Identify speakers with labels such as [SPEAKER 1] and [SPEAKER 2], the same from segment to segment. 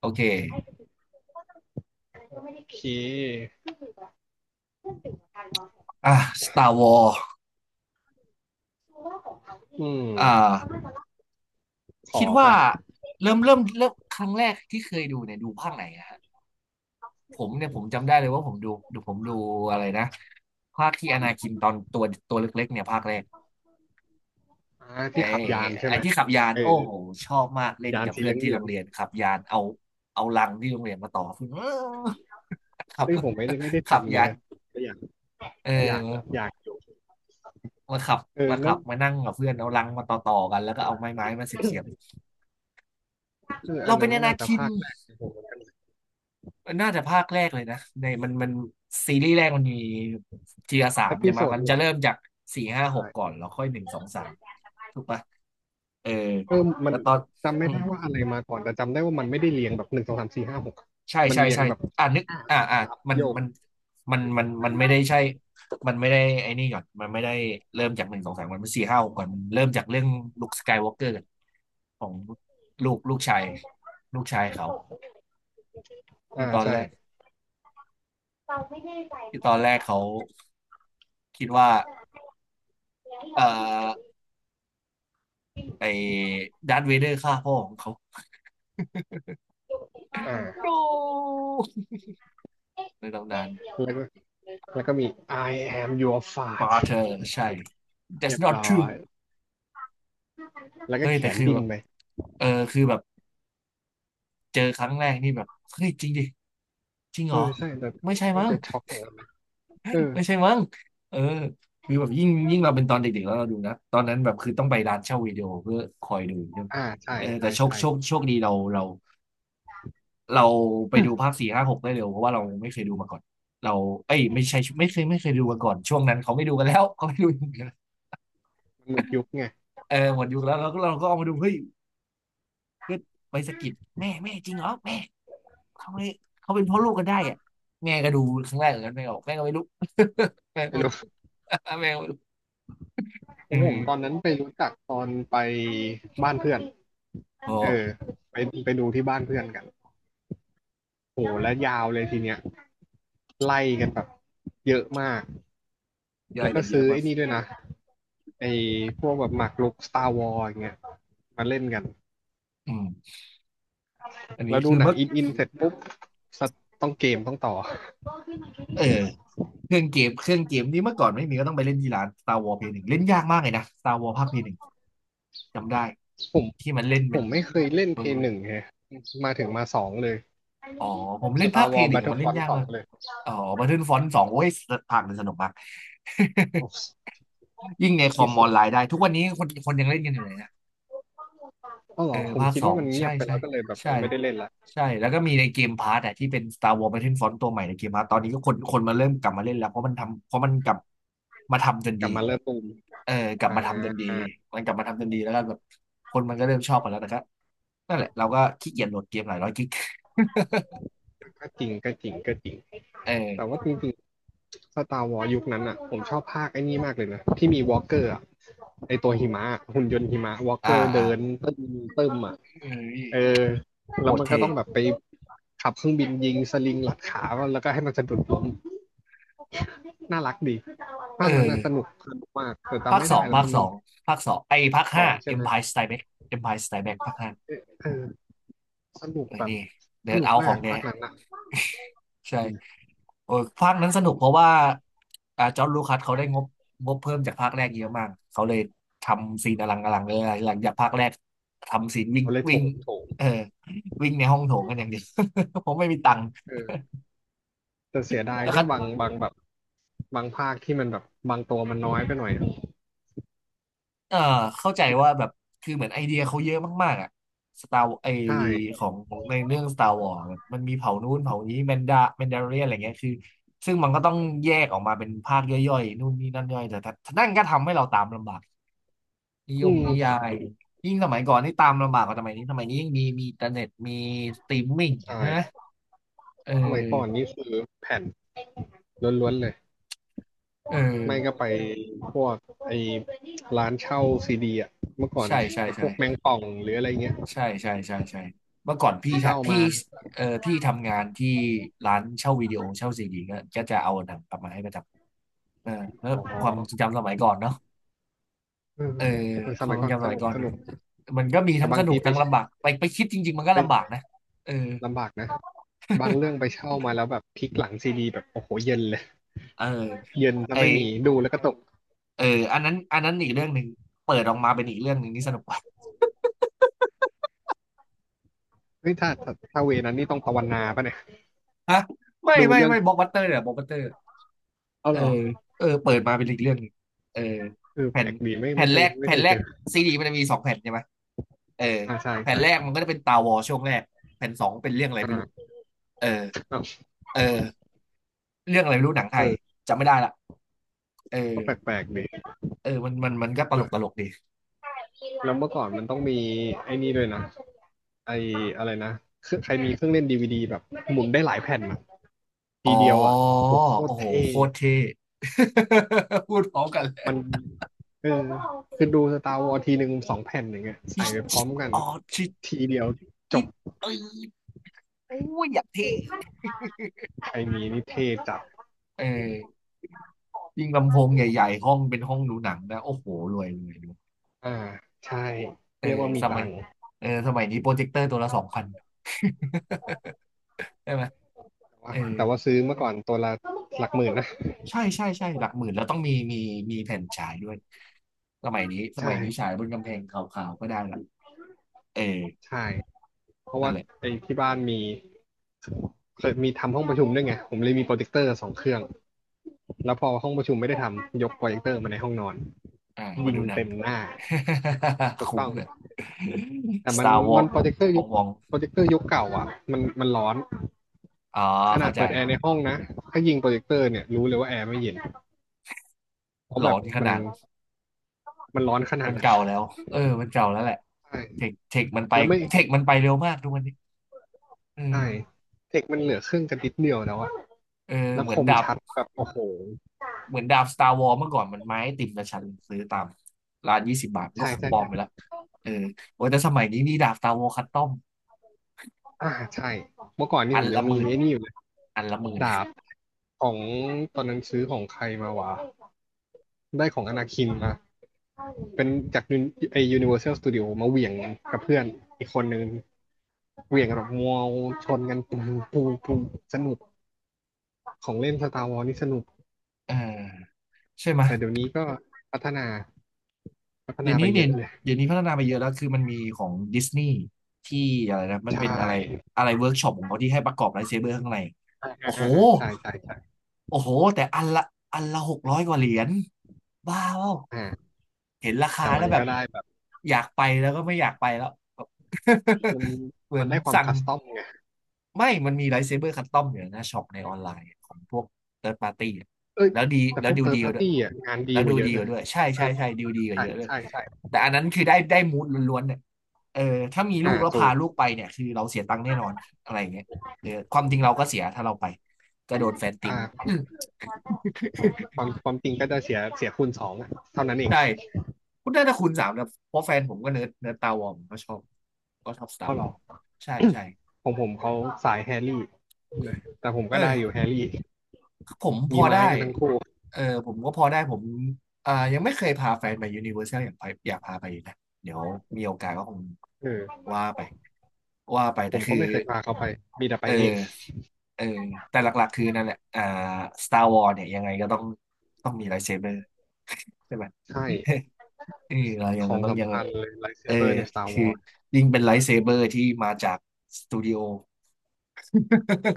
[SPEAKER 1] โอเค
[SPEAKER 2] ค
[SPEAKER 1] อ่ะ Star Wars
[SPEAKER 2] อื
[SPEAKER 1] อ่
[SPEAKER 2] ม
[SPEAKER 1] า
[SPEAKER 2] ขอ
[SPEAKER 1] คิด
[SPEAKER 2] แบ
[SPEAKER 1] ว่า
[SPEAKER 2] บ
[SPEAKER 1] เริ่มครั้งแรกที่เคยดูเนี่ยดูภาคไหนอะฮะผมเนี่ยผมจำได้เลยว่าผมดูอะไรนะภาคที่อนาคินตอนตัวเล็กๆเนี่ยภาคแรก
[SPEAKER 2] อ่า
[SPEAKER 1] เอ้
[SPEAKER 2] ที่ขับ
[SPEAKER 1] ย
[SPEAKER 2] ยานใช่
[SPEAKER 1] ไอ้
[SPEAKER 2] ไหม
[SPEAKER 1] ที่ขับยาน
[SPEAKER 2] เออ
[SPEAKER 1] โอ้โหชอบมากเล่น
[SPEAKER 2] ยาน
[SPEAKER 1] กับ
[SPEAKER 2] สี
[SPEAKER 1] เพื่
[SPEAKER 2] เหล
[SPEAKER 1] อนที่
[SPEAKER 2] ื
[SPEAKER 1] โร
[SPEAKER 2] อ
[SPEAKER 1] ง
[SPEAKER 2] ง
[SPEAKER 1] เรียนขับยานเอาเอาลังที่โรงเรียนมาต่อ คือ
[SPEAKER 2] ๆ
[SPEAKER 1] ขับ
[SPEAKER 2] เฮ้ยผมไม่ได้
[SPEAKER 1] ขับ
[SPEAKER 2] ทำเล
[SPEAKER 1] ยา
[SPEAKER 2] ย
[SPEAKER 1] น
[SPEAKER 2] ฮะแต่
[SPEAKER 1] เ
[SPEAKER 2] อยาก
[SPEAKER 1] ออ
[SPEAKER 2] อยากอยู่
[SPEAKER 1] มาขับ
[SPEAKER 2] เออ
[SPEAKER 1] มาขั
[SPEAKER 2] นั่
[SPEAKER 1] บ
[SPEAKER 2] น
[SPEAKER 1] มานั่งกับเพื่อนเอาลังมาต่อต่อกันแล้วก็เอาไม้ไม้มาเสียบเสียบ
[SPEAKER 2] เออ
[SPEAKER 1] เรา
[SPEAKER 2] อัน
[SPEAKER 1] เป็
[SPEAKER 2] นั้
[SPEAKER 1] น
[SPEAKER 2] น
[SPEAKER 1] อ
[SPEAKER 2] ก็
[SPEAKER 1] นา
[SPEAKER 2] น่าจะ
[SPEAKER 1] คิน
[SPEAKER 2] ภาคแรกของผมเหมือนกัน
[SPEAKER 1] น่าจะภาคแรกเลยนะในมันซีรีส์แรกมันมี GR สา
[SPEAKER 2] เอ
[SPEAKER 1] มเนี่
[SPEAKER 2] พิ
[SPEAKER 1] ย
[SPEAKER 2] โซ
[SPEAKER 1] มา
[SPEAKER 2] ด
[SPEAKER 1] มัน
[SPEAKER 2] ห
[SPEAKER 1] จะ
[SPEAKER 2] นึ่ง
[SPEAKER 1] เริ่มจากสี่ห้าหกก่อ
[SPEAKER 2] ใช่
[SPEAKER 1] นแล้วค่อยหนึ่งสองสามถูกปะเออ
[SPEAKER 2] เออมั
[SPEAKER 1] แล้
[SPEAKER 2] น
[SPEAKER 1] วตอน
[SPEAKER 2] จำไม่
[SPEAKER 1] อืม
[SPEAKER 2] ได้ว่าอะไรมาก่อนแต่จำได้ว่ามันไม่ได้เรียงแบบหนึ่งสองสามสี่ห้าหก
[SPEAKER 1] ใช่
[SPEAKER 2] มัน
[SPEAKER 1] ใช่
[SPEAKER 2] เรียง
[SPEAKER 1] ใช่
[SPEAKER 2] แบบ
[SPEAKER 1] นึก
[SPEAKER 2] จับ
[SPEAKER 1] มัน
[SPEAKER 2] โยก
[SPEAKER 1] มันมันไม่ได้ใช่มันไม่ได้ไอ้นี่ก่อนมันไม่ได้เริ่มจากหนึ่งสองสามมันเป็นสี่ห้าหกก่อนมันเริ่มจากเรื่องลุคสกายวอล์กเกอร์ของลูกลูกชายลูกชายเขา
[SPEAKER 2] อ่า
[SPEAKER 1] ที่ตอน
[SPEAKER 2] ใช่
[SPEAKER 1] แรกที่ตอนแรกเขาคิดว่าเอ่อ ไอ้ดาร์ธเวเดอร์ฆ่าพ่อของเขา
[SPEAKER 2] อ่า
[SPEAKER 1] no ในตำนาน
[SPEAKER 2] แล้วก็แล้วก็มี I am your fart
[SPEAKER 1] มาเธอใช่
[SPEAKER 2] เรี
[SPEAKER 1] that's
[SPEAKER 2] ยบ
[SPEAKER 1] not
[SPEAKER 2] ร้อ
[SPEAKER 1] true
[SPEAKER 2] ยแล้วก็
[SPEAKER 1] เฮ้ย
[SPEAKER 2] แข
[SPEAKER 1] แต่
[SPEAKER 2] น
[SPEAKER 1] คือ
[SPEAKER 2] ดิ
[SPEAKER 1] แบ
[SPEAKER 2] น
[SPEAKER 1] บ
[SPEAKER 2] ไป
[SPEAKER 1] เออคือแบบเจอครั้งแรกนี่แบบเฮ้ยจริงดิจริงเห
[SPEAKER 2] เอ
[SPEAKER 1] รอ
[SPEAKER 2] อใช่แต่
[SPEAKER 1] ไม่ใช่มั้ง
[SPEAKER 2] แต่ช็อกเหมือนกันนะเออ
[SPEAKER 1] ไม่ใช่มั้งเออคือแบบยิ่งเราเป็นตอนเด็กๆแล้วเราดูนะตอนนั้นแบบคือต้องไปร้านเช่าวิดีโอเพื่อคอยดูใช่ไหม
[SPEAKER 2] อ่าใช่
[SPEAKER 1] เออแต่
[SPEAKER 2] ใช่
[SPEAKER 1] โชค
[SPEAKER 2] ใช่
[SPEAKER 1] โชคโชคดีเราไปดูภาคสี่ห้าหกได้เร็วเพราะว่าเราไม่เคยดูมาก่อนเราเอ้ยไม่ใช่ไม่เคยดูมาก่อนช่วงนั้นเขาไม่ดูกันแล้ว เขาไม่ดูกันแล้ว
[SPEAKER 2] มันหมดยุคไง
[SPEAKER 1] เออหมดยุคแล้วเราก็เอามาดูเฮ้ยก็ไปสะกิดแม่จริงเหรอแม่เขาไม่เขาเป็นพ่อลูกกันได้อ่ะแม่ก็ดูครั้งแรกเหมือนกันแม่ก็บอกแม่ก็ไม่รู้ แม่ก็
[SPEAKER 2] ไม่
[SPEAKER 1] ไม่รู้ แ
[SPEAKER 2] รู้
[SPEAKER 1] ม่ก็ไม่รู้
[SPEAKER 2] อ
[SPEAKER 1] อื
[SPEAKER 2] ผมตอน
[SPEAKER 1] ม
[SPEAKER 2] นั้นไปรู้จักตอนไปบ้านเพื่อน
[SPEAKER 1] โอ
[SPEAKER 2] เออ
[SPEAKER 1] ้
[SPEAKER 2] ไปไปดูที่บ้านเพื่อนกันโหและยาวเลยทีเนี้ยไล่กันแบบเยอะมาก
[SPEAKER 1] ย่อ
[SPEAKER 2] แล้
[SPEAKER 1] ย
[SPEAKER 2] วก็
[SPEAKER 1] กันเย
[SPEAKER 2] ซื้
[SPEAKER 1] อะ
[SPEAKER 2] อ
[SPEAKER 1] มา
[SPEAKER 2] ไอ้
[SPEAKER 1] ก
[SPEAKER 2] นี่ด้วยนะไอ้พวกแบบหมากรุก Star Wars อย่างเงี้ยมาเล่นกัน
[SPEAKER 1] อืมอันนี้
[SPEAKER 2] เราดู
[SPEAKER 1] คือ
[SPEAKER 2] หนัง
[SPEAKER 1] เมื่อ
[SPEAKER 2] อินอินเสร็จปุ๊บสัตว์ต้องเกมต้องต่อ
[SPEAKER 1] เออเครื่องเกมเครื่องเกมนี่เมื่อก่อนไม่มีก็ต้องไปเล่นที่ร้าน Star Wars Play หนึ่งเล่นยากมากเลยนะ Star Wars ภาคเพย์หนึ่ง จำได้
[SPEAKER 2] ผม
[SPEAKER 1] ที่มันเล่น
[SPEAKER 2] ผ
[SPEAKER 1] เป็น
[SPEAKER 2] มไม่เคยเล่นเพ
[SPEAKER 1] ปื
[SPEAKER 2] ย์ห
[SPEAKER 1] น
[SPEAKER 2] นึ่งไงมาถึงมาสองเลย
[SPEAKER 1] อ๋อผมเล่
[SPEAKER 2] ส
[SPEAKER 1] น
[SPEAKER 2] ตา
[SPEAKER 1] ภาค
[SPEAKER 2] ร์
[SPEAKER 1] เค
[SPEAKER 2] ว
[SPEAKER 1] ร
[SPEAKER 2] อล
[SPEAKER 1] ดิ
[SPEAKER 2] แบ
[SPEAKER 1] ต
[SPEAKER 2] ทเทิ
[SPEAKER 1] มั
[SPEAKER 2] ล
[SPEAKER 1] น
[SPEAKER 2] ฟ
[SPEAKER 1] เล่น
[SPEAKER 2] อน
[SPEAKER 1] ยาก
[SPEAKER 2] สอ
[SPEAKER 1] มา
[SPEAKER 2] ง
[SPEAKER 1] ก
[SPEAKER 2] เลย
[SPEAKER 1] อ๋อ Battlefront สองโอ้ยภาคมันสนุกมากยิ่งในคอ
[SPEAKER 2] ที่
[SPEAKER 1] มอ
[SPEAKER 2] สุ
[SPEAKER 1] อ
[SPEAKER 2] ด
[SPEAKER 1] นไลน์ได้ทุกวันนี้คนยังเล่นกันอยู่เลยนะ
[SPEAKER 2] อ๋อเหร
[SPEAKER 1] เออ
[SPEAKER 2] อผม
[SPEAKER 1] ภาค
[SPEAKER 2] คิด
[SPEAKER 1] สอ
[SPEAKER 2] ว่า
[SPEAKER 1] ง
[SPEAKER 2] มันเงี
[SPEAKER 1] ใช่
[SPEAKER 2] ยบไป
[SPEAKER 1] ใช่
[SPEAKER 2] แล้วก็เลยแบบเอ
[SPEAKER 1] ใช่
[SPEAKER 2] อไม่ได้เล่นละ
[SPEAKER 1] ใช่แล้วก็มีในเกมพาร์ตอะที่เป็น Star Wars Battlefront ตัวใหม่ในเกมพาร์ตตอนนี้ก็คนมาเริ่มกลับมาเล่นแล้วเพราะมันกลับมาทำจน
[SPEAKER 2] ก
[SPEAKER 1] ดี
[SPEAKER 2] ลับมาเริ่มตูม
[SPEAKER 1] เออกลับ
[SPEAKER 2] อ่
[SPEAKER 1] มาทำจนดี
[SPEAKER 2] า
[SPEAKER 1] มันกลับมาทำจนดีแล้วก็แบบคนมันก็เริ่มชอบกันแล้วนะครับนั่นแหละเราก็ขี้เกียจโหลดเกมหลายร้อยกิก
[SPEAKER 2] ก็จริงก็จริงก็จริง
[SPEAKER 1] เ
[SPEAKER 2] แต่
[SPEAKER 1] ออ
[SPEAKER 2] ว่าจริง สตาร์วอร์ยุคนั้นอ่ะผมชอบภาคไอ้นี่มากเลยนะที่มีวอลกเกอร์อะไอตัวหิมะหุ่นยนต์หิมะวอลก
[SPEAKER 1] อ่า
[SPEAKER 2] เกอร์
[SPEAKER 1] อ่า
[SPEAKER 2] เดินตึ้มตึ้มอ่ะ
[SPEAKER 1] เอ้ย
[SPEAKER 2] เออ
[SPEAKER 1] โค
[SPEAKER 2] แล้ว
[SPEAKER 1] ตร
[SPEAKER 2] มันก็
[SPEAKER 1] เท่
[SPEAKER 2] ต้องแบบไปขับเครื่องบินยิงสลิงหลัดขาแล้วก็ให้มันสะดุดล้มน่ารักดี
[SPEAKER 1] เอ
[SPEAKER 2] ภาคนั้น
[SPEAKER 1] อ
[SPEAKER 2] น่ะสนุกสนุกมากแต่
[SPEAKER 1] ภา
[SPEAKER 2] จำ
[SPEAKER 1] ค
[SPEAKER 2] ไม่
[SPEAKER 1] สอ
[SPEAKER 2] ได้
[SPEAKER 1] ง
[SPEAKER 2] แล้ว
[SPEAKER 1] ภาค
[SPEAKER 2] มัน
[SPEAKER 1] สองภาคสองไอ้ภาค
[SPEAKER 2] สอ
[SPEAKER 1] ห้า
[SPEAKER 2] งใช่ไหม
[SPEAKER 1] Empire Strikes Back Empire Strikes Back ภาคห้า
[SPEAKER 2] เออเออสนุก
[SPEAKER 1] เออ
[SPEAKER 2] แบบ
[SPEAKER 1] นี่
[SPEAKER 2] ส
[SPEAKER 1] เดิน
[SPEAKER 2] นุก
[SPEAKER 1] เอาข
[SPEAKER 2] มา
[SPEAKER 1] อ
[SPEAKER 2] ก
[SPEAKER 1] งแน่
[SPEAKER 2] ภาคนั้นอ่ะ
[SPEAKER 1] ใช่
[SPEAKER 2] อืม
[SPEAKER 1] โอ้ยภาคนั้นสนุกเพราะว่าอ่าจอร์จลูคัสเขาได้งบเพิ่มจากภาคแรกเยอะมากเขาเลยทำซีนอลังอลังเลยหลังจากภาคแรกทำซีนวิ่ง
[SPEAKER 2] เขาเลยโถ
[SPEAKER 1] วิ่ง
[SPEAKER 2] มโถม
[SPEAKER 1] เออวิ่งในห้องโถงกันอย่างเดียว ผมไม่มีตังค์
[SPEAKER 2] เออแต่เสียดา ย
[SPEAKER 1] แล้ว
[SPEAKER 2] แค่
[SPEAKER 1] ก็
[SPEAKER 2] บางแบบ บางภาคที่มันแบบบางตัวมันน้อยไปหน่อยอะ
[SPEAKER 1] เอ่อเข้าใจว่าแบบคือเหมือนไอเดียเขาเยอะมากๆอ่ะสตาร์ไอ
[SPEAKER 2] ใช่
[SPEAKER 1] ของในเรื่อง Star Wars มันมีเผ่านู้นเผ่านี้แมนดาเรียนอะไรเงี้ยคือซึ่งมันก็ต้องแยกออกมาเป็นภาคย่อยๆนู่นนี่นั่นย่อยแต่ถ้านั่นก็ทำให้เราตามลำบากนิย
[SPEAKER 2] อื
[SPEAKER 1] ม
[SPEAKER 2] ม
[SPEAKER 1] นิยายยิ่งสมัยก่อนนี่ตามลำบากกว่าสมัยนี้สมัยนี้ยิ่งมีอินเทอร์เน็ตมีสตรีมมิ่ง
[SPEAKER 2] ใช่
[SPEAKER 1] ใช่ไหมเ
[SPEAKER 2] สมัยก่อน
[SPEAKER 1] ออ
[SPEAKER 2] นี่คือแผ่นล้วนๆเลย
[SPEAKER 1] เอ
[SPEAKER 2] ไม่ก็
[SPEAKER 1] อ
[SPEAKER 2] ไปพวกไอ้ร้านเช่าซีดีอ่ะเมื่อก่อน
[SPEAKER 1] ใช่ใช่
[SPEAKER 2] ไอ้พ
[SPEAKER 1] ใช่
[SPEAKER 2] วกแมงป่องหรืออะไรเงี้ย
[SPEAKER 1] ใช่ใช่ใช่ใช่เมื่อก่อน
[SPEAKER 2] ไป
[SPEAKER 1] พี่ทะ
[SPEAKER 2] เช่า
[SPEAKER 1] พี่
[SPEAKER 2] มา
[SPEAKER 1] เออพี่ทำงานที่ร้านเช่าวิดีโอเช่าซีดีก็จะเอาหนังกลับมาให้ประจำเออแล้ว
[SPEAKER 2] อ๋อ
[SPEAKER 1] ความทรงจำสมัยก่อนเนาะ
[SPEAKER 2] เออ
[SPEAKER 1] เออ
[SPEAKER 2] เออส
[SPEAKER 1] ความ
[SPEAKER 2] มัย
[SPEAKER 1] ทร
[SPEAKER 2] ก่
[SPEAKER 1] ง
[SPEAKER 2] อน
[SPEAKER 1] จำส
[SPEAKER 2] ส
[SPEAKER 1] มัย
[SPEAKER 2] นุก
[SPEAKER 1] ก่อน
[SPEAKER 2] ส
[SPEAKER 1] มัน
[SPEAKER 2] นุก
[SPEAKER 1] มันก็มี
[SPEAKER 2] แต่
[SPEAKER 1] ทั้ง
[SPEAKER 2] บา
[SPEAKER 1] ส
[SPEAKER 2] ง
[SPEAKER 1] นุก
[SPEAKER 2] ทีไป
[SPEAKER 1] ทั้งลำบากไปไปคิดจริงๆมันก็ลำบาก
[SPEAKER 2] ไป
[SPEAKER 1] นะเออ
[SPEAKER 2] ลำบากนะบางเรื่องไปเช่ามาแล้วแบบพลิกหลังซีดีแบบโอ้โหเย็นเลย
[SPEAKER 1] เออ
[SPEAKER 2] เย็น
[SPEAKER 1] ไอ
[SPEAKER 2] ถ้าไม่มีดูแล้วก็ตก
[SPEAKER 1] เอออันนั้นอีกเรื่องหนึ่งเปิดออกมาเป็นอีกเรื่องหนึ่งนี่สนุกกว่า
[SPEAKER 2] เฮ้ยถ้าเวนั้นนี่ต้องภาวนาป่ะเนี่ย
[SPEAKER 1] ฮะไม่
[SPEAKER 2] ดู
[SPEAKER 1] ไม่
[SPEAKER 2] เรื่อง
[SPEAKER 1] ไม่บล็อกบัสเตอร์เนี่ยบล็อกบัสเตอร์
[SPEAKER 2] เอา
[SPEAKER 1] เอ
[SPEAKER 2] เห
[SPEAKER 1] อ
[SPEAKER 2] รอ
[SPEAKER 1] เออเปิดมาเป็นอีกเรื่องหนึ่งเออ
[SPEAKER 2] เออ
[SPEAKER 1] แผ่
[SPEAKER 2] แปล
[SPEAKER 1] น
[SPEAKER 2] กดีไม่
[SPEAKER 1] แผ่
[SPEAKER 2] ไม่
[SPEAKER 1] น
[SPEAKER 2] เค
[SPEAKER 1] แร
[SPEAKER 2] ย
[SPEAKER 1] ก
[SPEAKER 2] ไม่
[SPEAKER 1] แผ่
[SPEAKER 2] เค
[SPEAKER 1] น
[SPEAKER 2] ย
[SPEAKER 1] แร
[SPEAKER 2] เจ
[SPEAKER 1] ก
[SPEAKER 2] อ
[SPEAKER 1] ซีดีมันจะมีสองแผ่นใช่ไหมเออ
[SPEAKER 2] อ่าใช่
[SPEAKER 1] แผ่น
[SPEAKER 2] ใช่
[SPEAKER 1] แรกมันก็จะเป็นตาวอช่วงแรกแผ่นสองเป็นเรื่องอะไรไม่รู้
[SPEAKER 2] อ่า
[SPEAKER 1] เออ
[SPEAKER 2] เอ้า
[SPEAKER 1] เออเรื่องอะไรไม่รู้หนังไทย
[SPEAKER 2] เออ
[SPEAKER 1] จำไม่ได้ละเอ
[SPEAKER 2] ก็แปลก
[SPEAKER 1] อ
[SPEAKER 2] แปลกดี
[SPEAKER 1] เออมันก็ต
[SPEAKER 2] เอ
[SPEAKER 1] ล
[SPEAKER 2] อ
[SPEAKER 1] กตลกดี
[SPEAKER 2] แล้วเมื่อก่อนมันต้องมีไอ้นี่ด้วยนะไออะไรนะเครื่องใครมีเครื่องเล่นดีวดีแบบหมุนได้หลายแผ่นอะที
[SPEAKER 1] อ๋อ
[SPEAKER 2] เดียวอ่ะโอ้โหโคต
[SPEAKER 1] โอ้
[SPEAKER 2] ร
[SPEAKER 1] โห
[SPEAKER 2] เท่
[SPEAKER 1] โคตรเท่ พูดพร้อมกันเลย
[SPEAKER 2] มันเออคือดูสตาร์วอร์ทีหนึ่งสองแผ่นอย่างเงี้ย
[SPEAKER 1] อิ
[SPEAKER 2] ใส่
[SPEAKER 1] ช
[SPEAKER 2] ไปพร้อมกัน
[SPEAKER 1] อ๋อชิ
[SPEAKER 2] ทีเดียวจ
[SPEAKER 1] อิ
[SPEAKER 2] บ
[SPEAKER 1] ตเออโอ้ยอยากเท่
[SPEAKER 2] ใครมีนี่เท่จัด
[SPEAKER 1] เออ ยิ่งลำโพงใหญ่ๆห้องเป็นห้องดูหนังนะโอ้โหรวยเลยดู
[SPEAKER 2] อ่าใช่
[SPEAKER 1] เออ
[SPEAKER 2] เรียกว่ามี
[SPEAKER 1] สมั
[SPEAKER 2] ตั
[SPEAKER 1] ย
[SPEAKER 2] งค์
[SPEAKER 1] เออสมัยนี้โปรเจคเตอร์ตัวละ2,000 ใช่ไหม
[SPEAKER 2] แต่
[SPEAKER 1] เอ
[SPEAKER 2] ว่า
[SPEAKER 1] อ
[SPEAKER 2] แต่ว่าซื้อเมื่อก่อนตัวละหลักหมื่นนะ
[SPEAKER 1] ใช่ใช่ใช่หลัก 10,000แล้วต้องมีแผ่นฉายด้วยสมัยนี้สมั
[SPEAKER 2] ใช่
[SPEAKER 1] ยนี้ฉายบนกำแพงขาวๆก็ได้ละเออ
[SPEAKER 2] ใช่เพราะ
[SPEAKER 1] นั่
[SPEAKER 2] ว่า
[SPEAKER 1] นแหละ
[SPEAKER 2] ไอ้ที่บ้านมีเคยมีทำห้องประชุมด้วยไงผมเลยมีโปรเจคเตอร์สองเครื่องแล้วพอห้องประชุมไม่ได้ทำยกโปรเจคเตอร์มาในห้องนอน
[SPEAKER 1] อ่ามา
[SPEAKER 2] ยิง
[SPEAKER 1] ดูหนัง
[SPEAKER 2] เต็มหน้า ถูก
[SPEAKER 1] คุ้
[SPEAKER 2] ต้
[SPEAKER 1] ม
[SPEAKER 2] อง
[SPEAKER 1] เลย
[SPEAKER 2] แต่มัน
[SPEAKER 1] Star
[SPEAKER 2] มัน
[SPEAKER 1] Wars
[SPEAKER 2] โปรเจคเตอร์
[SPEAKER 1] วอ
[SPEAKER 2] ยุ
[SPEAKER 1] ง
[SPEAKER 2] ค
[SPEAKER 1] มอง
[SPEAKER 2] โปรเจคเตอร์ยุคเก่าอ่ะมันร้อน
[SPEAKER 1] อ๋อ
[SPEAKER 2] ขนา
[SPEAKER 1] เข้า
[SPEAKER 2] ด
[SPEAKER 1] ใจ
[SPEAKER 2] เปิดแอร์ในห้องนะถ้ายิงโปรเจคเตอร์เนี่ยรู้เลยว่าแอร์ไม่เย็น เพ
[SPEAKER 1] ห
[SPEAKER 2] ราะ
[SPEAKER 1] ล
[SPEAKER 2] แบ
[SPEAKER 1] อ
[SPEAKER 2] บ
[SPEAKER 1] นข
[SPEAKER 2] มัน
[SPEAKER 1] นาด
[SPEAKER 2] มันร้อนขนาด
[SPEAKER 1] มัน
[SPEAKER 2] นั้น
[SPEAKER 1] เก่าแล้วเออมันเก่าแล้วแหละ
[SPEAKER 2] ใช่
[SPEAKER 1] เทคเทคมันไป
[SPEAKER 2] แล้วไม่
[SPEAKER 1] เทคมันไปเร็วมากทุกวันนี้ เอ
[SPEAKER 2] ใช่
[SPEAKER 1] อ
[SPEAKER 2] เทคมันเหลือเครื่องกันนิดเดียวแล้วอะ
[SPEAKER 1] เออ
[SPEAKER 2] แล้ว
[SPEAKER 1] เห
[SPEAKER 2] ค
[SPEAKER 1] มือน
[SPEAKER 2] ม
[SPEAKER 1] ดาบ
[SPEAKER 2] ชัดแบบโอ้โห
[SPEAKER 1] เหมือนดาบสตาร์วอ s เมื่อก่อนมันไม้ติ่มนะฉันซื้อตามร้าน20 บาทมันก็
[SPEAKER 2] ใช่
[SPEAKER 1] ของ
[SPEAKER 2] ใช่
[SPEAKER 1] ปลอม
[SPEAKER 2] ใช่
[SPEAKER 1] ไปแล้วเออโอ้ยแต่สมัยนี้นี่ดาบสตาร์วอ s คัสตอม
[SPEAKER 2] อ่าใช่เมื่อก่อนนี่
[SPEAKER 1] อั
[SPEAKER 2] ผ
[SPEAKER 1] น
[SPEAKER 2] มยั
[SPEAKER 1] ละ
[SPEAKER 2] ง
[SPEAKER 1] ห
[SPEAKER 2] มี
[SPEAKER 1] มื่น
[SPEAKER 2] ไอ้นี่อยู่เลย
[SPEAKER 1] อันละหมื่น
[SPEAKER 2] ดาบของตอนนั้นซื้อของใครมาวะได้ของอนาคินมาเป็นจากยูนไอ Universal Studio มาเหวี่ยงกับเพื่อนอีกคนนึงเหวี่ยงกันแบบมัวชนกันปุ้งปุ้งปุ้งสนุกของเล่นสตาร์วอลนี่สนุก
[SPEAKER 1] เออใช่ไหม
[SPEAKER 2] แต่เดี๋ยว
[SPEAKER 1] ย
[SPEAKER 2] นี้ก็พัฒนาพัฒ
[SPEAKER 1] เดี๋ย
[SPEAKER 2] นา
[SPEAKER 1] ว
[SPEAKER 2] ไป
[SPEAKER 1] นี้
[SPEAKER 2] เย
[SPEAKER 1] เนี่ย
[SPEAKER 2] อะเลย
[SPEAKER 1] เดี๋ยวนี้พัฒนาไปเยอะแล้วคือมันมีของดิสนีย์ที่อะไรนะมัน
[SPEAKER 2] ใช่
[SPEAKER 1] เป็นอะไรอะไรเวิร์กช็อปของเขาที่ให้ประกอบไลท์เซเบอร์ข้างใน
[SPEAKER 2] อ่า
[SPEAKER 1] โอ้
[SPEAKER 2] อ่า
[SPEAKER 1] โห
[SPEAKER 2] อ่าอ่าใช่ใช่ใช่
[SPEAKER 1] โอ้โหแต่อันละอันละ600 กว่าเหรียญบ้าเปล่า
[SPEAKER 2] อ่า
[SPEAKER 1] เห็นราคา
[SPEAKER 2] แต่
[SPEAKER 1] แล้
[SPEAKER 2] มั
[SPEAKER 1] ว
[SPEAKER 2] น
[SPEAKER 1] แบ
[SPEAKER 2] ก็
[SPEAKER 1] บ
[SPEAKER 2] ได้แบบ
[SPEAKER 1] อยากไปแล้วก็ไม่อยากไปแล้ว แบบ
[SPEAKER 2] มัน
[SPEAKER 1] เหมือ
[SPEAKER 2] มัน
[SPEAKER 1] น
[SPEAKER 2] ได้ความ
[SPEAKER 1] สั่ง
[SPEAKER 2] คัสตอมไง
[SPEAKER 1] ไม่มันมีไลท์เซเบอร์คัสตอมอยู่นะช็อปในออนไลน์ของพวกเติร์ดปาร์ตี้
[SPEAKER 2] เอ้ย
[SPEAKER 1] แล้วดี
[SPEAKER 2] แต่
[SPEAKER 1] แล้
[SPEAKER 2] พ
[SPEAKER 1] ว
[SPEAKER 2] วก
[SPEAKER 1] ดู
[SPEAKER 2] เติร์
[SPEAKER 1] ดี
[SPEAKER 2] ด
[SPEAKER 1] ก
[SPEAKER 2] พา
[SPEAKER 1] ว่า
[SPEAKER 2] ร์
[SPEAKER 1] ด้วย
[SPEAKER 2] ตี้อ่ะงานดี
[SPEAKER 1] แล้ว
[SPEAKER 2] ก
[SPEAKER 1] ดู
[SPEAKER 2] ว่าเยอะ
[SPEAKER 1] ดี
[SPEAKER 2] เล
[SPEAKER 1] ก
[SPEAKER 2] ย
[SPEAKER 1] ว่าด้วย ใช่
[SPEAKER 2] เอ
[SPEAKER 1] ใช่
[SPEAKER 2] อ
[SPEAKER 1] ใช่ดูดีกว่า
[SPEAKER 2] ใช่
[SPEAKER 1] เยอะเลย
[SPEAKER 2] ใช่ใช่
[SPEAKER 1] แต่อันนั้นคือได้มูดล้วนๆเนี่ยเออถ้ามีลู
[SPEAKER 2] อ่า
[SPEAKER 1] กแล้ว
[SPEAKER 2] ถู
[SPEAKER 1] พา
[SPEAKER 2] ก
[SPEAKER 1] ลูกไปเนี่ยคือเราเสียตังค์แน่นอนอะไรอย่างเงี้ยเออความจริงเราก็เสียถ้าเราไปกระโดดแฟนตี
[SPEAKER 2] อ่า
[SPEAKER 1] มือ
[SPEAKER 2] ความจริงก็จะเสียคูณสองอะเท่านั้นเอง
[SPEAKER 1] ใช่คุณน่าจะคุณสามนะเพราะแฟนผมก็เนิร์ดเนิร์ดตาวอมก็ชอบก็ชอบสตา
[SPEAKER 2] เพ
[SPEAKER 1] ร์
[SPEAKER 2] ราะ
[SPEAKER 1] ว
[SPEAKER 2] หร
[SPEAKER 1] อ s
[SPEAKER 2] อ
[SPEAKER 1] ใช่ใช่
[SPEAKER 2] ของผมเขาสายแฮร์รี่เลยแต่ผมก็ได้อยู่
[SPEAKER 1] เออ
[SPEAKER 2] แฮร์รี่
[SPEAKER 1] ผมพ
[SPEAKER 2] มี
[SPEAKER 1] อ
[SPEAKER 2] ไม้
[SPEAKER 1] ได้
[SPEAKER 2] กันทั้งคู่
[SPEAKER 1] เออผมก็พอได้ผมอ่ายังไม่เคยพาแฟนไปยูนิเวอร์แซลอย่างไปอยากพาไปนะเดี๋ยวมีโอกาสก็คง
[SPEAKER 2] เออ
[SPEAKER 1] ว่าไปว่าไป
[SPEAKER 2] ผ
[SPEAKER 1] แต่
[SPEAKER 2] มก็
[SPEAKER 1] คือ
[SPEAKER 2] ไม่เคยพาเขาไปมีแต่
[SPEAKER 1] เ
[SPEAKER 2] ไปเอง
[SPEAKER 1] ออเออแต่หลักๆคือนั่นแหละอ่าสตาร์วอ s เนี่ยยังไงก็ต้องต้องมีไลท์เซเบอร์ใช่ไหม
[SPEAKER 2] ใช่
[SPEAKER 1] เออเรายั
[SPEAKER 2] ข
[SPEAKER 1] ง
[SPEAKER 2] อง
[SPEAKER 1] ต้องยั
[SPEAKER 2] สำ
[SPEAKER 1] ง
[SPEAKER 2] คัญเลยไลท์เซ
[SPEAKER 1] เออ
[SPEAKER 2] เบอร์ใน Star
[SPEAKER 1] คือ
[SPEAKER 2] Wars
[SPEAKER 1] ยิ่งเป็นไลท์เซเบอร์ที่มาจากสตูดิโอ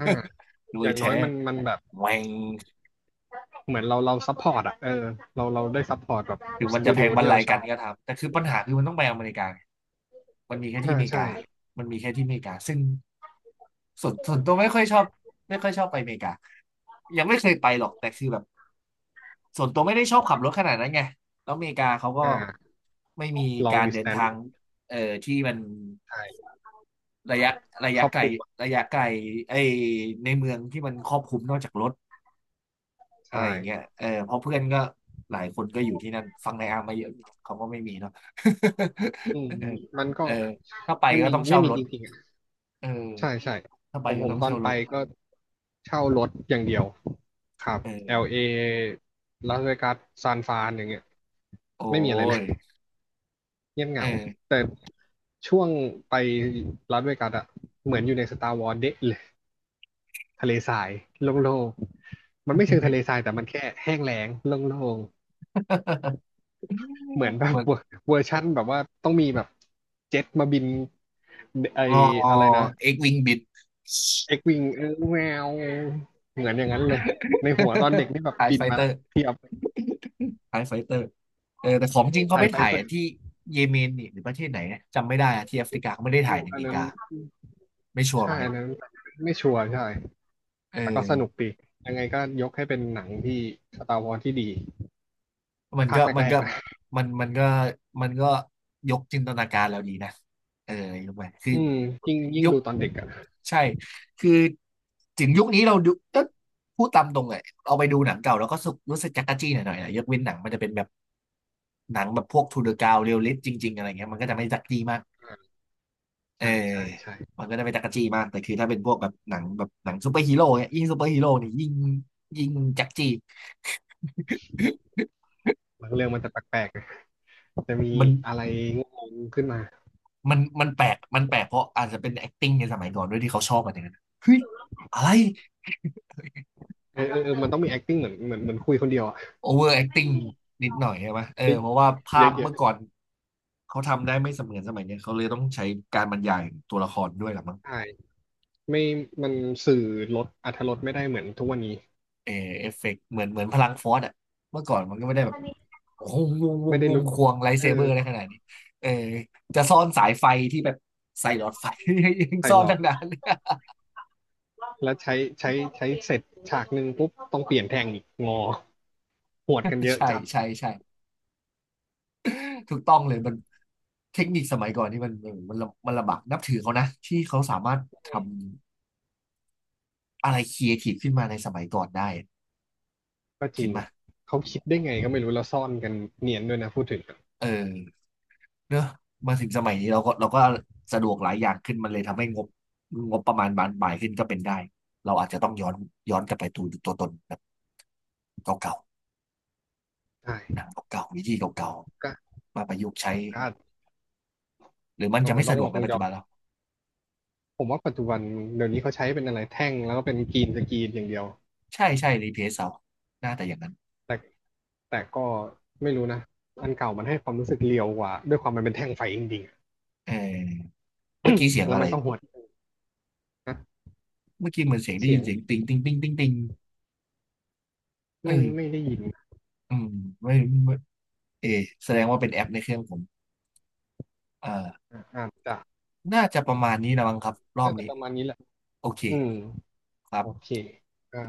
[SPEAKER 2] อ่า
[SPEAKER 1] ร
[SPEAKER 2] อ
[SPEAKER 1] วย
[SPEAKER 2] ย่างน้อ
[SPEAKER 1] แท้
[SPEAKER 2] ยมันแบบ
[SPEAKER 1] แหวง
[SPEAKER 2] เหมือนเราซัพพอร์ตอ่ะเออเราได้ซัพพอร์ตแบบ
[SPEAKER 1] ถึง
[SPEAKER 2] ส
[SPEAKER 1] มัน
[SPEAKER 2] ตู
[SPEAKER 1] จะแพ
[SPEAKER 2] ดิโอ
[SPEAKER 1] งบรร
[SPEAKER 2] ที่
[SPEAKER 1] ลั
[SPEAKER 2] เรา
[SPEAKER 1] ย
[SPEAKER 2] ช
[SPEAKER 1] กั
[SPEAKER 2] อ
[SPEAKER 1] น
[SPEAKER 2] บ
[SPEAKER 1] ก็ทำแต่คือปัญหาคือมันต้องไปอเมริกาไงมันมีแค่ที่
[SPEAKER 2] อ่า
[SPEAKER 1] อเมริ
[SPEAKER 2] ใช่
[SPEAKER 1] กามันมีแค่ที่อเมริกาซึ่งส่วนส่วนตัวไม่ค่อยชอบไม่ค่อยชอบไปอเมริกายังไม่เคยไปหรอกแต่คือแบบส่วนตัวไม่ได้ชอบขับรถขนาดนั้นไงแล้วอเมริกาเขาก็
[SPEAKER 2] อ่า
[SPEAKER 1] ไม่มี
[SPEAKER 2] ลอง
[SPEAKER 1] การ
[SPEAKER 2] ดิส
[SPEAKER 1] เดิ
[SPEAKER 2] แต
[SPEAKER 1] น
[SPEAKER 2] น
[SPEAKER 1] ทางเอ่อที่มัน
[SPEAKER 2] ใช่
[SPEAKER 1] ระยะระ
[SPEAKER 2] ค
[SPEAKER 1] ยะ
[SPEAKER 2] รอบ
[SPEAKER 1] ไกล
[SPEAKER 2] คลุมอะ
[SPEAKER 1] ระยะไกลไอในเมืองที่มันครอบคลุมนอกจากรถอะไร
[SPEAKER 2] ใช่
[SPEAKER 1] อย่างเงี้ยเออเพราะเพื่อนก็หลายคนก็อยู่ที่นั่นฟังในอาร์มมาเยอะเขาก็ไม่มีเนาะ
[SPEAKER 2] อืม
[SPEAKER 1] เออ
[SPEAKER 2] มันก็
[SPEAKER 1] เออถ้าไป
[SPEAKER 2] ไม่
[SPEAKER 1] ก็
[SPEAKER 2] มี
[SPEAKER 1] ต้อง
[SPEAKER 2] ไม่
[SPEAKER 1] เช่า
[SPEAKER 2] มี
[SPEAKER 1] ร
[SPEAKER 2] จ
[SPEAKER 1] ถ
[SPEAKER 2] ริงๆอ่ะ
[SPEAKER 1] เอ
[SPEAKER 2] ใช่
[SPEAKER 1] อ
[SPEAKER 2] ใช่
[SPEAKER 1] ถ้าไป
[SPEAKER 2] ผม
[SPEAKER 1] ก็
[SPEAKER 2] ผม
[SPEAKER 1] ต้อง
[SPEAKER 2] ตอน
[SPEAKER 1] เช่าร
[SPEAKER 2] ไป
[SPEAKER 1] ถ
[SPEAKER 2] ก็เช่ารถอย่างเดียวครับ
[SPEAKER 1] เออ
[SPEAKER 2] LA ลเอลาสเวกัสซานฟรานอย่างเงี้ย
[SPEAKER 1] โอ้
[SPEAKER 2] ไม่มีอะไรเลย
[SPEAKER 1] ย
[SPEAKER 2] เงียบเห
[SPEAKER 1] เอ
[SPEAKER 2] งา
[SPEAKER 1] อ
[SPEAKER 2] แต่ช่วงไปลาสเวกัสอะเหมือนอยู่ในสตาร์วอร์เดะเลยทะเลทรายโล่งๆมันไม่เชิงทะเลทรายแต่มันแค่แห้งแล้งโล่ง ๆเหมือนแบบ
[SPEAKER 1] เหมือ น
[SPEAKER 2] เวอร์เวอร์ชั่นแบบว่าต้องมีแบบเจ็ตมาบินไอ
[SPEAKER 1] อ๋อ
[SPEAKER 2] อะไรนะ
[SPEAKER 1] เอ็กวิงบิด
[SPEAKER 2] เอ็กวิงเออแมวเหมือนอย่างนั้นเลยในหัวตอนเด็กนี่แบ บ
[SPEAKER 1] ไทย
[SPEAKER 2] บิน
[SPEAKER 1] ไฟ
[SPEAKER 2] มา
[SPEAKER 1] เตอ
[SPEAKER 2] ละ
[SPEAKER 1] ร์
[SPEAKER 2] เทียบ
[SPEAKER 1] ไทยไฟเตอร์เออแต่ของจริงเขา
[SPEAKER 2] ถ่า
[SPEAKER 1] ไป
[SPEAKER 2] ยไป
[SPEAKER 1] ถ่าย
[SPEAKER 2] เตอร
[SPEAKER 1] ที่เยเมนนี่หรือประเทศไหนเนี่ยจำไม่ได้อะที่แอฟริกาเขาไม่ได้ถ่ายใน
[SPEAKER 2] ์
[SPEAKER 1] อ
[SPEAKER 2] อั
[SPEAKER 1] เม
[SPEAKER 2] น
[SPEAKER 1] ริ
[SPEAKER 2] นั้น
[SPEAKER 1] กาไม่ชัวร์เหมื
[SPEAKER 2] ใช่
[SPEAKER 1] อนกั
[SPEAKER 2] อั
[SPEAKER 1] น
[SPEAKER 2] นนั้นไม่ชัวร์ใช่
[SPEAKER 1] เออ
[SPEAKER 2] แต่ก็สนุกดียังไงก็ยกให้เป็นหนังที่ Star Wars ที่ดี
[SPEAKER 1] มัน
[SPEAKER 2] ภา
[SPEAKER 1] ก็
[SPEAKER 2] ค
[SPEAKER 1] มั
[SPEAKER 2] แร
[SPEAKER 1] น
[SPEAKER 2] ก
[SPEAKER 1] ก็
[SPEAKER 2] ๆนะ
[SPEAKER 1] มันมันก็มันก็ยกจินตนาการเราดีนะเออยกไปคือ
[SPEAKER 2] อืมยิ่ง
[SPEAKER 1] ยุค
[SPEAKER 2] ดูตอนเด็กอะ
[SPEAKER 1] ใช่คือถึงยุคนี้เราดูก็พูดตามตรงเลยเอาไปดูหนังเก่าแล้วก็รู้สึกจั๊กกะจี้หน่อยๆนะยกเว้นหนังมันจะเป็นแบบหนังแบบพวกทูเดอะกาวเรียลลิสต์จริงๆอะไรเงี้ยมันก็จะไม่จั๊กจี้มาก
[SPEAKER 2] ่
[SPEAKER 1] เออ
[SPEAKER 2] ใช่ใช่ใช่
[SPEAKER 1] มันก็จะเป็นจักรจี้มากแต่คือถ้าเป็นพวกแบบหนังแบบหนังซูเปอร์ฮีโร่เนี่ยยิ่งซูเปอร์ฮีโร่เนี่ยยิ่งยิ่งจักรจี้
[SPEAKER 2] บางเรื่องมันจะแปลกๆนะจะมี
[SPEAKER 1] มัน
[SPEAKER 2] อะไรงงๆขึ้นมา
[SPEAKER 1] มันแปลกมันแปลกเพราะอาจจะเป็น acting ในสมัยก่อนด้วยที่เขาชอบกันอย่างนั้นเฮ้ยอะไร
[SPEAKER 2] เออเออเออมันต้องมี acting เหมือนคุยคนเดียวอะ
[SPEAKER 1] over acting นิดหน่อยใช่ไหมเออ
[SPEAKER 2] เยอะ
[SPEAKER 1] เพราะว่า
[SPEAKER 2] เย
[SPEAKER 1] ภา
[SPEAKER 2] อะ
[SPEAKER 1] พ
[SPEAKER 2] เยอะ
[SPEAKER 1] เมื่อก่อนเขาทำได้ไม่เสมือนสมัยเนี้ยเขาเลยต้องใช้การบรรยายตัวละครด้วยหรอมั้ง
[SPEAKER 2] ใช่ไม่มันสื่อลดอรรถรสไม่ได้เหมือนทุกวันนี้
[SPEAKER 1] เออเอฟเฟกต์เหมือนพลังฟอสอ่ะเมื่อก่อนมันก็ไม่ได้แบบโอ้โหวงว
[SPEAKER 2] ไม่
[SPEAKER 1] ง
[SPEAKER 2] ได้
[SPEAKER 1] วง
[SPEAKER 2] รู้
[SPEAKER 1] ควงไลท์
[SPEAKER 2] เอ
[SPEAKER 1] เซ
[SPEAKER 2] อ
[SPEAKER 1] เบอร์อะไรขนาดนี้เออจะซ่อนสายไฟที่แบบใส่หลอดไฟ ยัง
[SPEAKER 2] ใส่
[SPEAKER 1] ซ่อ
[SPEAKER 2] หล
[SPEAKER 1] น
[SPEAKER 2] อ
[SPEAKER 1] ทั้
[SPEAKER 2] ด
[SPEAKER 1] งนั้น
[SPEAKER 2] แล้วใช้ใช้ใช้เสร็จฉากหนึ่งปุ๊บต้องเปลี่ยนแทงอีกงอหวดกันเยอะ
[SPEAKER 1] ใช่
[SPEAKER 2] จัด
[SPEAKER 1] ใช่ใช่ถูกต้องเลยมันเทคนิคสมัยก่อนนี่มันมันลำบากนับถือเขานะที่เขาสามารถทำอะไรครีเอทีฟขึ้นมาในสมัยก่อนได้
[SPEAKER 2] ก็จ
[SPEAKER 1] คิ
[SPEAKER 2] ริ
[SPEAKER 1] ด
[SPEAKER 2] ง
[SPEAKER 1] มา
[SPEAKER 2] เขาคิดได้ไงก็ไม่รู้แล้วซ่อนกันเนียนด้วยนะพูดถึง
[SPEAKER 1] เออ เนอะมาถึงสมัยนี้เราก็สะดวกหลายอย่างขึ้นมันเลยทำให้งบงบประมาณบานปลายขึ้นก็เป็นได้เราอาจจะต้องย้อนย้อนกลับไปดูตัวตนแบบเก่า
[SPEAKER 2] ใช่
[SPEAKER 1] ๆหนังเก่าๆวิธีเก่า
[SPEAKER 2] ก็
[SPEAKER 1] ๆมาประยุกต์ใช้
[SPEAKER 2] ก็
[SPEAKER 1] หรือมัน
[SPEAKER 2] อาจ
[SPEAKER 1] จะ
[SPEAKER 2] จะ
[SPEAKER 1] ไม่
[SPEAKER 2] ต้อ
[SPEAKER 1] สะ
[SPEAKER 2] ง
[SPEAKER 1] ดว
[SPEAKER 2] ล
[SPEAKER 1] ก
[SPEAKER 2] อ
[SPEAKER 1] ใน
[SPEAKER 2] ง
[SPEAKER 1] ปัจ
[SPEAKER 2] ย้
[SPEAKER 1] จุ
[SPEAKER 2] อ
[SPEAKER 1] บันแล้
[SPEAKER 2] น
[SPEAKER 1] ว
[SPEAKER 2] ผมว่าปัจจุบันเดี๋ยวนี้เขาใช้เป็นอะไรแท่งแล้วก็เป็นกรีนสกรีนอย่างเดียว
[SPEAKER 1] ใช่ใช่รีเพซเอาน่าแต่อย่างนั้น
[SPEAKER 2] แต่แต่ก็ไม่รู้นะอันเก่ามันให้ความรู้สึกเรียวกว่าด้วยความมันเป็นแท่งไฟจริงๆ
[SPEAKER 1] เออเมื่อกี้เสียง
[SPEAKER 2] แล้ว
[SPEAKER 1] อะไร
[SPEAKER 2] มันก็หวดนะ
[SPEAKER 1] เมื่อกี้เหมือนเสียงได้
[SPEAKER 2] เสี
[SPEAKER 1] ยิ
[SPEAKER 2] ย
[SPEAKER 1] น
[SPEAKER 2] ง
[SPEAKER 1] เสียงติงติงติงติงติงเอ
[SPEAKER 2] ไม่
[SPEAKER 1] อ
[SPEAKER 2] ได้ยิน
[SPEAKER 1] อืมไม่ไม่เออแสดงว่าเป็นแอปในเครื่องผมเอ่อ
[SPEAKER 2] อ่อาจจะ
[SPEAKER 1] น่าจะประมาณนี้นะมั้งครับรอบ
[SPEAKER 2] น่าจะ
[SPEAKER 1] นี้
[SPEAKER 2] ประมาณนี้แหละ
[SPEAKER 1] โอเค
[SPEAKER 2] อืม
[SPEAKER 1] ครั
[SPEAKER 2] โอ
[SPEAKER 1] บ
[SPEAKER 2] เคก็